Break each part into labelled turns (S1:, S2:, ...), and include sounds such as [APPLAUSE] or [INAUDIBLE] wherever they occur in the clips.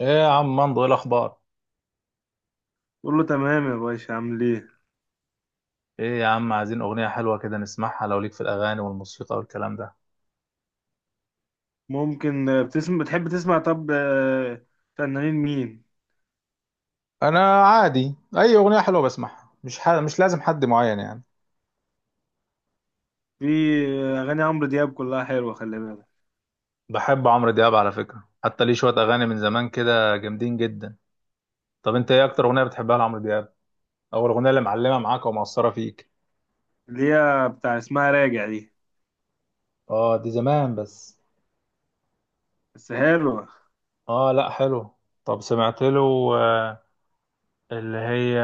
S1: ايه يا عم مندو، ايه الاخبار؟
S2: بقول له تمام يا باشا عامل ايه.
S1: ايه يا عم، عايزين اغنيه حلوه كده نسمعها. لو ليك في الاغاني والموسيقى والكلام ده.
S2: ممكن بتحب تسمع؟ طب فنانين مين؟
S1: انا عادي اي اغنيه حلوه بسمعها، مش ح... مش لازم حد معين يعني.
S2: في اغاني عمرو دياب كلها حلوه، خلي بالك
S1: بحب عمرو دياب على فكره، حتى ليه شويه اغاني من زمان كده جامدين جدا. طب انت ايه اكتر اغنيه بتحبها لعمرو دياب، او الاغنيه اللي معلمه معاك ومأثره فيك؟
S2: اللي هي بتاع اسمها راجع دي.
S1: اه دي زمان بس.
S2: بس حلوه.
S1: اه لا حلو. طب سمعت له. آه، اللي هي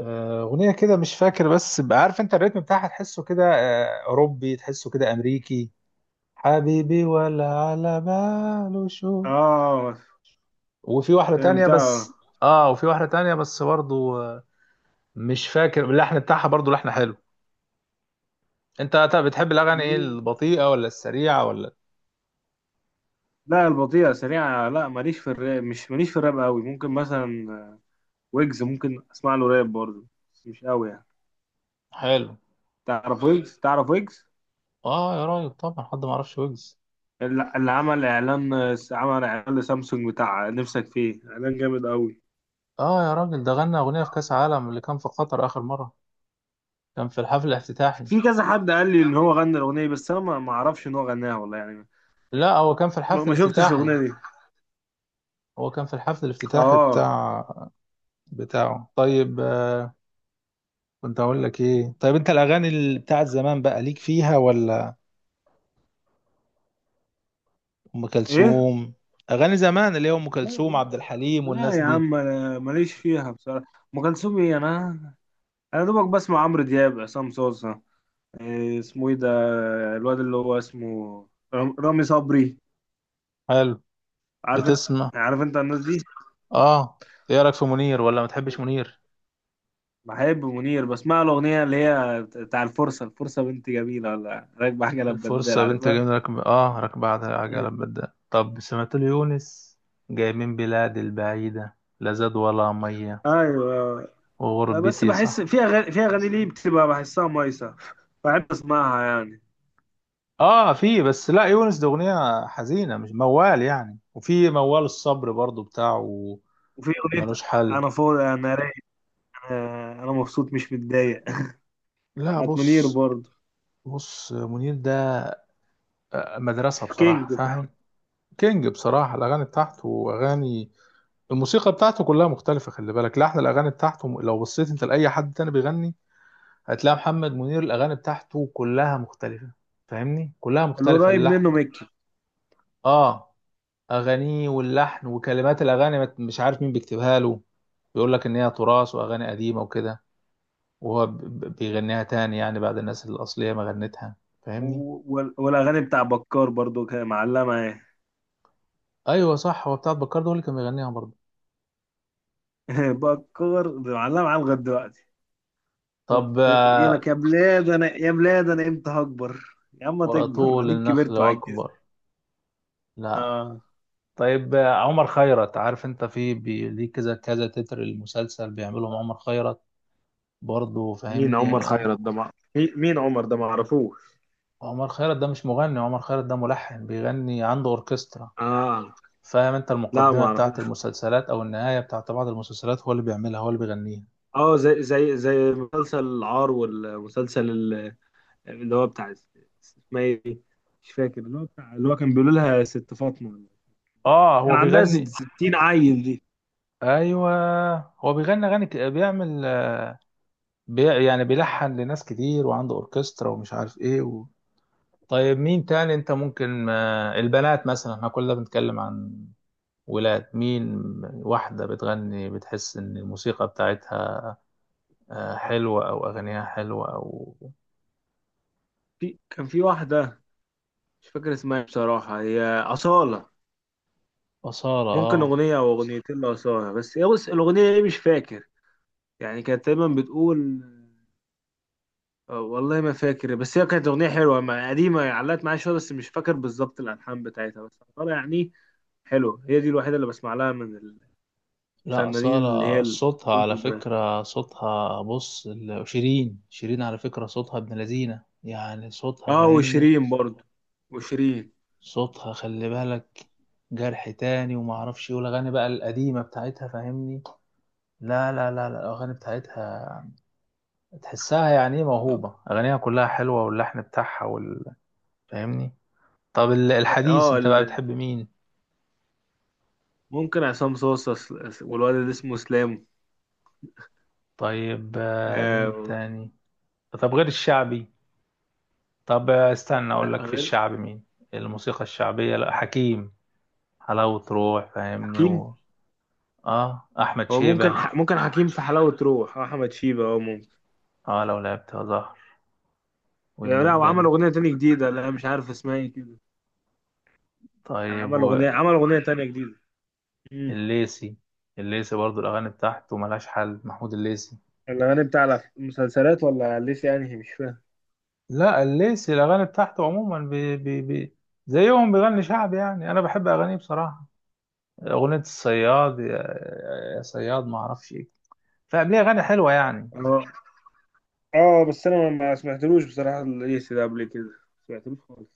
S1: أغنية كده مش فاكر، بس بقى عارف أنت الريتم بتاعها، تحسه كده أوروبي، تحسه كده أمريكي. حبيبي ولا على باله شو.
S2: اه،
S1: وفي واحدة تانية
S2: فهمتها.
S1: بس. آه وفي واحدة تانية بس برضو، مش فاكر اللحن بتاعها، برضو لحن حلو. أنت طب بتحب الأغاني إيه،
S2: مين؟
S1: البطيئة ولا السريعة ولا؟
S2: لا، البطيئه سريعه، لا ماليش في الراب، مش ماليش في الراب قوي. ممكن مثلا ويجز ممكن اسمع له راب برضه، بس مش قوي يعني.
S1: حلو.
S2: تعرف ويجز؟ تعرف ويجز
S1: آه يا راجل، طبعا حد ما يعرفش ويجز.
S2: اللي عمل اعلان، عمل اعلان لسامسونج بتاع نفسك، فيه اعلان جامد قوي.
S1: آه يا راجل، ده غنى أغنية في كأس العالم اللي كان في قطر آخر مرة. كان في الحفل الافتتاحي.
S2: في كذا حد قال لي ان هو غنى الاغنيه، بس انا ما اعرفش ان هو غناها والله يعني.
S1: لا هو كان في
S2: ما,
S1: الحفل
S2: ما شفتش
S1: الافتتاحي.
S2: الاغنيه دي.
S1: هو كان في الحفل الافتتاحي
S2: اه.
S1: بتاع بتاعه. طيب كنت اقول لك ايه؟ طيب انت الاغاني بتاعت زمان بقى ليك فيها ولا؟ ام
S2: ايه؟
S1: كلثوم. اغاني زمان اللي هي ام
S2: لا
S1: كلثوم،
S2: لا.
S1: عبد الحليم،
S2: لا
S1: والناس
S2: يا
S1: دي.
S2: عم انا ماليش فيها بصراحه. ام كلثوم ايه؟ انا انا دوبك بسمع عمرو دياب، عصام صوصه. إيه اسمه ايه ده؟ الواد اللي هو اسمه رامي صبري.
S1: حلو.
S2: عارف انت؟
S1: بتسمع.
S2: عارف انت الناس دي؟
S1: اه. ايه رايك في منير، ولا ما تحبش منير؟
S2: بحب منير، بسمع له اغنيه اللي هي بتاع الفرصه، الفرصه بنت جميله ولا راكبه حاجه لبدال،
S1: الفرصه بنت
S2: عارفها؟
S1: جميله، ركب اه ركب بعدها عجله
S2: [LAUGHS]
S1: بدأ. طب سمعت ليونس؟ جاي من بلاد البعيده، لا زاد ولا ميه.
S2: ايوه. بس
S1: وغربتي
S2: بحس
S1: صح.
S2: في اغاني، في اغاني ليه بتبقى بحسها مايسه، بحب اسمعها يعني.
S1: اه في، بس لا يونس ده اغنيه حزينه مش موال يعني. وفي موال الصبر برضو بتاعه.
S2: وفي اغنيه
S1: ملوش حل.
S2: انا فاضي انا رايق، انا مبسوط مش متضايق. [LAUGHS]
S1: لا
S2: بتاعت منير
S1: بص،
S2: برضه.
S1: بص منير ده مدرسه
S2: كينج
S1: بصراحه، فاهم.
S2: فعلا.
S1: كينج بصراحه، الاغاني بتاعته واغاني الموسيقى بتاعته كلها مختلفه. خلي بالك لحن الاغاني بتاعته، لو بصيت انت لاي حد تاني بيغني هتلاقي محمد منير الاغاني بتاعته كلها مختلفه. فاهمني، كلها مختلفه
S2: القريب
S1: اللحن.
S2: منه ميكي.
S1: اه. اغانيه واللحن وكلمات الاغاني مش عارف مين بيكتبها له. بيقول لك ان هي تراث واغاني قديمه وكده، وهو بيغنيها تاني يعني بعد الناس الاصليه ما غنتها. فاهمني.
S2: والاغاني بتاع بكار برضه كان معلمه معايا.
S1: ايوه صح، هو بتاع بكار ده هو اللي كان بيغنيها برضه.
S2: [LAUGHS] بكار معلمه معايا لغايه دلوقتي.
S1: طب
S2: يقول لك يا بلاد انا، يا بلاد انا امتى هكبر. يا عم تكبر
S1: واطول
S2: اديك
S1: النخل
S2: كبرت وعجزت.
S1: واكبر. لا.
S2: اه.
S1: طيب عمر خيرت، عارف انت؟ في ليه كذا كذا تتر المسلسل بيعملهم عمر خيرت برضه،
S2: مين عمر
S1: فاهمني.
S2: خيرت ده مين عمر ده؟ ما اعرفوش.
S1: عمر خيرت ده مش مغني، عمر خيرت ده ملحن، بيغني عنده اوركسترا.
S2: اه.
S1: فاهم انت؟
S2: لا ما
S1: المقدمه بتاعت
S2: اعرفوش.
S1: المسلسلات او النهايه بتاعت بعض المسلسلات هو اللي بيعملها، هو اللي بيغنيها.
S2: اه زي زي مسلسل العار، والمسلسل اللي هو اسمها ايه دي؟ مش فاكر، اللي هو بتاع اللي هو كان بيقولوا لها ست فاطمة،
S1: اه
S2: كان
S1: هو
S2: عندها
S1: بيغني.
S2: 60 عيل دي.
S1: ايوه، هو بيغني اغاني بيعمل، يعني بيلحن لناس كتير، وعنده اوركسترا، ومش عارف ايه و... طيب مين تاني انت ممكن؟ البنات مثلا، احنا كلنا بنتكلم عن ولاد. مين؟ واحدة بتغني، بتحس ان الموسيقى بتاعتها حلوة، او اغانيها حلوة، او...
S2: في كان في واحدة مش فاكر اسمها ايه بصراحة، هي أصالة.
S1: أصالة؟
S2: ممكن
S1: اه.
S2: أغنية أو أغنيتين لأصالة، بس هي بص الأغنية إيه مش فاكر، يعني كانت دايما بتقول والله ما فاكر، بس هي كانت أغنية حلوة قديمة، علقت معايا شوية، بس مش فاكر بالظبط الألحان بتاعتها، بس أصالة يعني حلو. هي دي الوحيدة اللي بسمع لها من
S1: لا
S2: الفنانين اللي هي
S1: أصالة صوتها على
S2: البنات.
S1: فكرة، صوتها بص شيرين. شيرين على فكرة صوتها ابن لذينة يعني، صوتها
S2: اه
S1: فاهمني.
S2: وشيرين برضه. وشيرين.
S1: صوتها خلي بالك جرح تاني وما اعرفش ايه، والاغاني بقى القديمه بتاعتها فاهمني. لا الاغاني بتاعتها تحسها يعني ايه، موهوبه. اغانيها كلها حلوه واللحن بتاعها وال... فاهمني. طب الحديث
S2: اه.
S1: انت بقى بتحب مين؟
S2: ممكن عصام صاصا، والواد اللي اسمه اسلام.
S1: طيب مين
S2: آه.
S1: تاني؟ طب غير الشعبي. طب استنى اقول
S2: لا
S1: لك في
S2: غير
S1: الشعب مين. الموسيقى الشعبية، لا حكيم. حلاوة روح فاهمني
S2: حكيم.
S1: و... اه احمد
S2: هو ممكن،
S1: شيبة،
S2: ممكن حكيم في حلاوة روح، احمد شيبة اه ممكن.
S1: اه لو لعبت زهر
S2: لا لا، وعمل
S1: واتبدلت.
S2: اغنية تانية جديدة، لا مش عارف اسمها ايه كده.
S1: طيب.
S2: عمل اغنية، عمل اغنية تانية جديدة. امم
S1: والليسي، الليسي برضو الاغاني بتاعته ملهاش حل، محمود الليسي.
S2: الاغاني بتاع المسلسلات ولا ليسي يعني مش فاهم.
S1: لا الليسي الاغاني بتاعته عموما، بي زيهم بيغني شعب يعني. انا بحب اغانيه بصراحة. اغنية الصياد يا، يا صياد ما اعرفش ايه، فقبليه، اغاني حلوة يعني.
S2: اه. اه بس انا ما سمعتلوش بصراحة، ليسي ده قبل كده ما سمعتلوش خالص.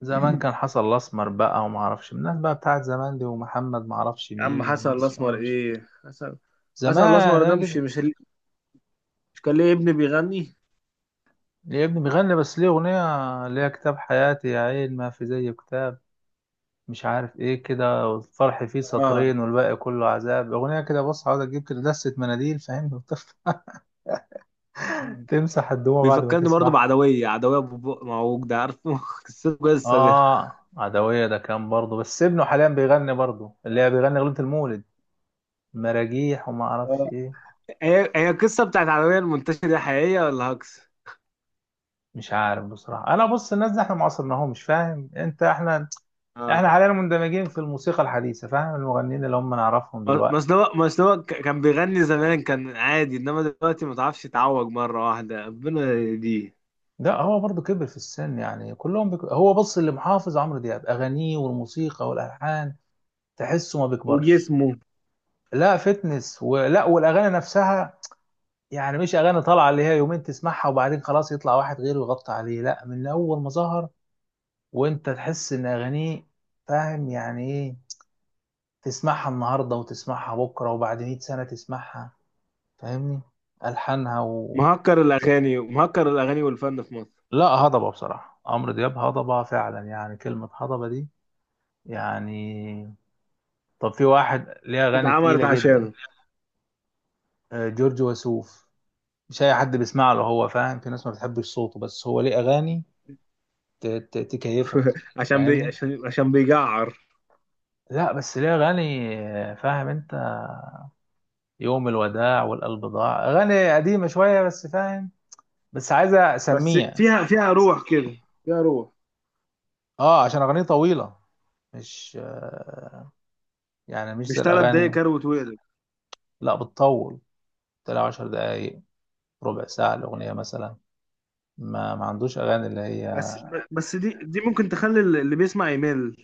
S1: زمان كان حصل الاسمر بقى وما اعرفش الناس بقى بتاعت زمان دي، ومحمد ما اعرفش
S2: يا عم
S1: مين
S2: حسن
S1: والناس،
S2: الاسمر،
S1: فاهم؟
S2: ايه حسن؟
S1: زمان
S2: حسن الاسمر
S1: انا
S2: ده مش
S1: كده.
S2: مش مش كان ليه ابن بيغني؟
S1: ليه ابني بيغني، بس ليه اغنيه اللي هي كتاب حياتي يا عين، ما في زي كتاب، مش عارف ايه كده، والفرح فيه
S2: اه.
S1: سطرين والباقي كله عذاب. اغنيه كده بص، عاوز اجيب كده دسه مناديل فاهم، [LAUGHS] تمسح الدموع بعد ما
S2: بيفكرني برضه
S1: تسمعها.
S2: بعدوية، عدوية أبو بق معوج ده، عارفه؟ [LAUGHS] قصته قصة دي.
S1: اه عدويه ده كان برضه، بس ابنه حاليا بيغني برضه، اللي هي بيغني اغنيه المولد، مراجيح وما اعرفش
S2: اه.
S1: ايه.
S2: هي هي القصة بتاعت عدوية المنتشرة دي حقيقية ولا هكس؟
S1: مش عارف بصراحة. أنا بص الناس دي إحنا ما عصرناهمش، فاهم أنت؟ إحنا،
S2: اه.
S1: إحنا حاليا مندمجين في الموسيقى الحديثة، فاهم، المغنيين اللي هم نعرفهم دلوقتي.
S2: مصنوع، مصنوع كان بيغني زمان كان عادي، إنما دلوقتي ما تعرفش، يتعوج مرة واحدة ربنا دي.
S1: ده هو برضه كبر في السن يعني كلهم بك... هو بص، اللي محافظ عمرو دياب، أغانيه والموسيقى والألحان تحسه ما بيكبرش.
S2: وجسمه.
S1: لا فتنس ولا، والأغاني نفسها يعني. مش أغاني طالعة اللي هي يومين تسمعها وبعدين خلاص يطلع واحد غيره يغطي عليه. لا، من أول ما ظهر وأنت تحس إن أغانيه فاهم يعني إيه، تسمعها النهارده وتسمعها بكره وبعد 100 سنه تسمعها. فاهمني، الحانها و...
S2: مهكر الأغاني، مهكر الأغاني والفن في مصر.
S1: لا هضبه بصراحه، عمرو دياب هضبه فعلا يعني، كلمه هضبه دي يعني. طب في واحد ليه اغاني تقيله
S2: اتعملت
S1: جدا،
S2: عشانه.
S1: جورج وسوف. مش اي حد بيسمع له هو، فاهم، في ناس ما بتحبش صوته، بس هو ليه اغاني تكيفك، فاهمني.
S2: عشان بيجعر.
S1: لا بس ليه اغاني فاهم انت، يوم الوداع، والقلب ضاع، اغاني قديمه شويه بس فاهم، بس عايزه
S2: بس
S1: اسميها.
S2: فيها، فيها روح كده، فيها روح.
S1: اه عشان اغانيه طويله، مش يعني مش
S2: مش
S1: زي
S2: ثلاث دقايق
S1: الأغاني.
S2: كروت وقلب.
S1: لا بتطول، تلاقي عشر دقايق، ربع ساعة الأغنية مثلا. ما ما عندوش أغاني اللي هي...
S2: بس، بس دي ممكن تخلي اللي بيسمع يمل.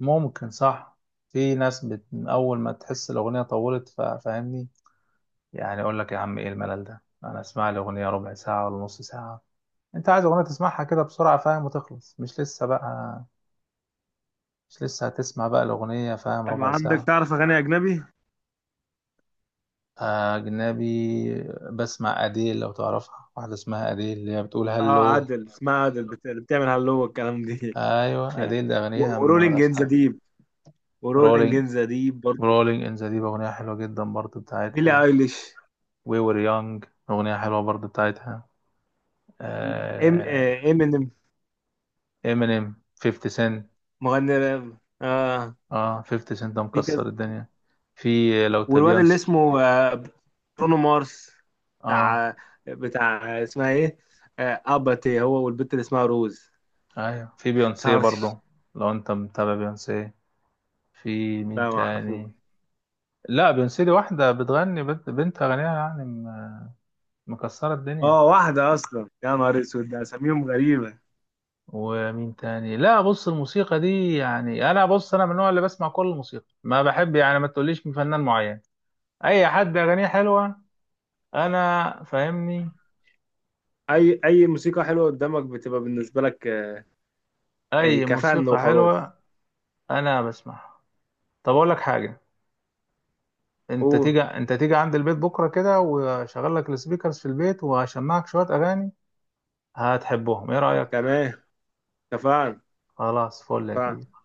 S1: ممكن صح. في ناس بت... من أول ما تحس الأغنية طولت فاهمني. يعني أقول لك يا عم إيه الملل ده؟ أنا أسمع لي أغنية ربع ساعة ولا نص ساعة. أنت عايز أغنية تسمعها كده بسرعة فاهم وتخلص، مش لسه بقى، مش لسه هتسمع بقى الأغنية فاهم
S2: طب
S1: ربع
S2: عندك
S1: ساعة.
S2: تعرف اغاني اجنبي؟
S1: أجنبي؟ بسمع أديل لو تعرفها، واحدة اسمها أديل اللي هي بتقول
S2: اه
S1: هلو.
S2: عادل، اسمها عادل، بتعمل هلو والكلام دي.
S1: ايوه
S2: [LAUGHS]
S1: اديل اغانيها ما
S2: ورولينج
S1: ملهاش
S2: ان ذا
S1: حل.
S2: ديب، ورولينج
S1: رولينج
S2: ان ذا ديب برضه.
S1: رولينج ان ذا ديب اغنيه حلوه جدا برضو
S2: بيلي
S1: بتاعتها.
S2: ايليش.
S1: وي وير يونج اغنيه حلوه برضو بتاعتها.
S2: ام آه، امينيم.
S1: امينيم، 50 سنت.
S2: مغني راب اه.
S1: اه 50 سنت ده
S2: في كذا.
S1: مكسر الدنيا. في لو تا
S2: والواد اللي
S1: بيونسي.
S2: اسمه برونو مارس،
S1: اه
S2: بتاع، بتاع اسمها ايه اباتي، هو والبنت اللي اسمها روز.
S1: ايوه في بيونسي برضو.
S2: طرش.
S1: لو انت متابع بيونسي. في مين
S2: لا ما اعرفوش.
S1: تاني؟ لا بيونسي دي واحدة بتغني، بنت أغنيها يعني، مكسرة الدنيا.
S2: اه واحدة أصلا يا نهار أسود ده، أساميهم غريبة.
S1: ومين تاني؟ لا بص الموسيقى دي يعني انا، بص انا من النوع اللي بسمع كل الموسيقى، ما بحب يعني ما تقوليش من فنان معين. اي حد اغانيه حلوه انا فاهمني،
S2: أي موسيقى حلوة قدامك بتبقى بالنسبة لك إيه،
S1: اي
S2: كفن
S1: موسيقى
S2: وخلاص.
S1: حلوه انا بسمعها. طب اقول لك حاجه،
S2: أوه.
S1: انت تيجي عند البيت بكره كده، واشغل لك السبيكرز في البيت وهشمعك شويه اغاني هتحبهم، ايه رايك؟
S2: تمام. كفن.
S1: خلاص فل يا كبير.
S2: كفن.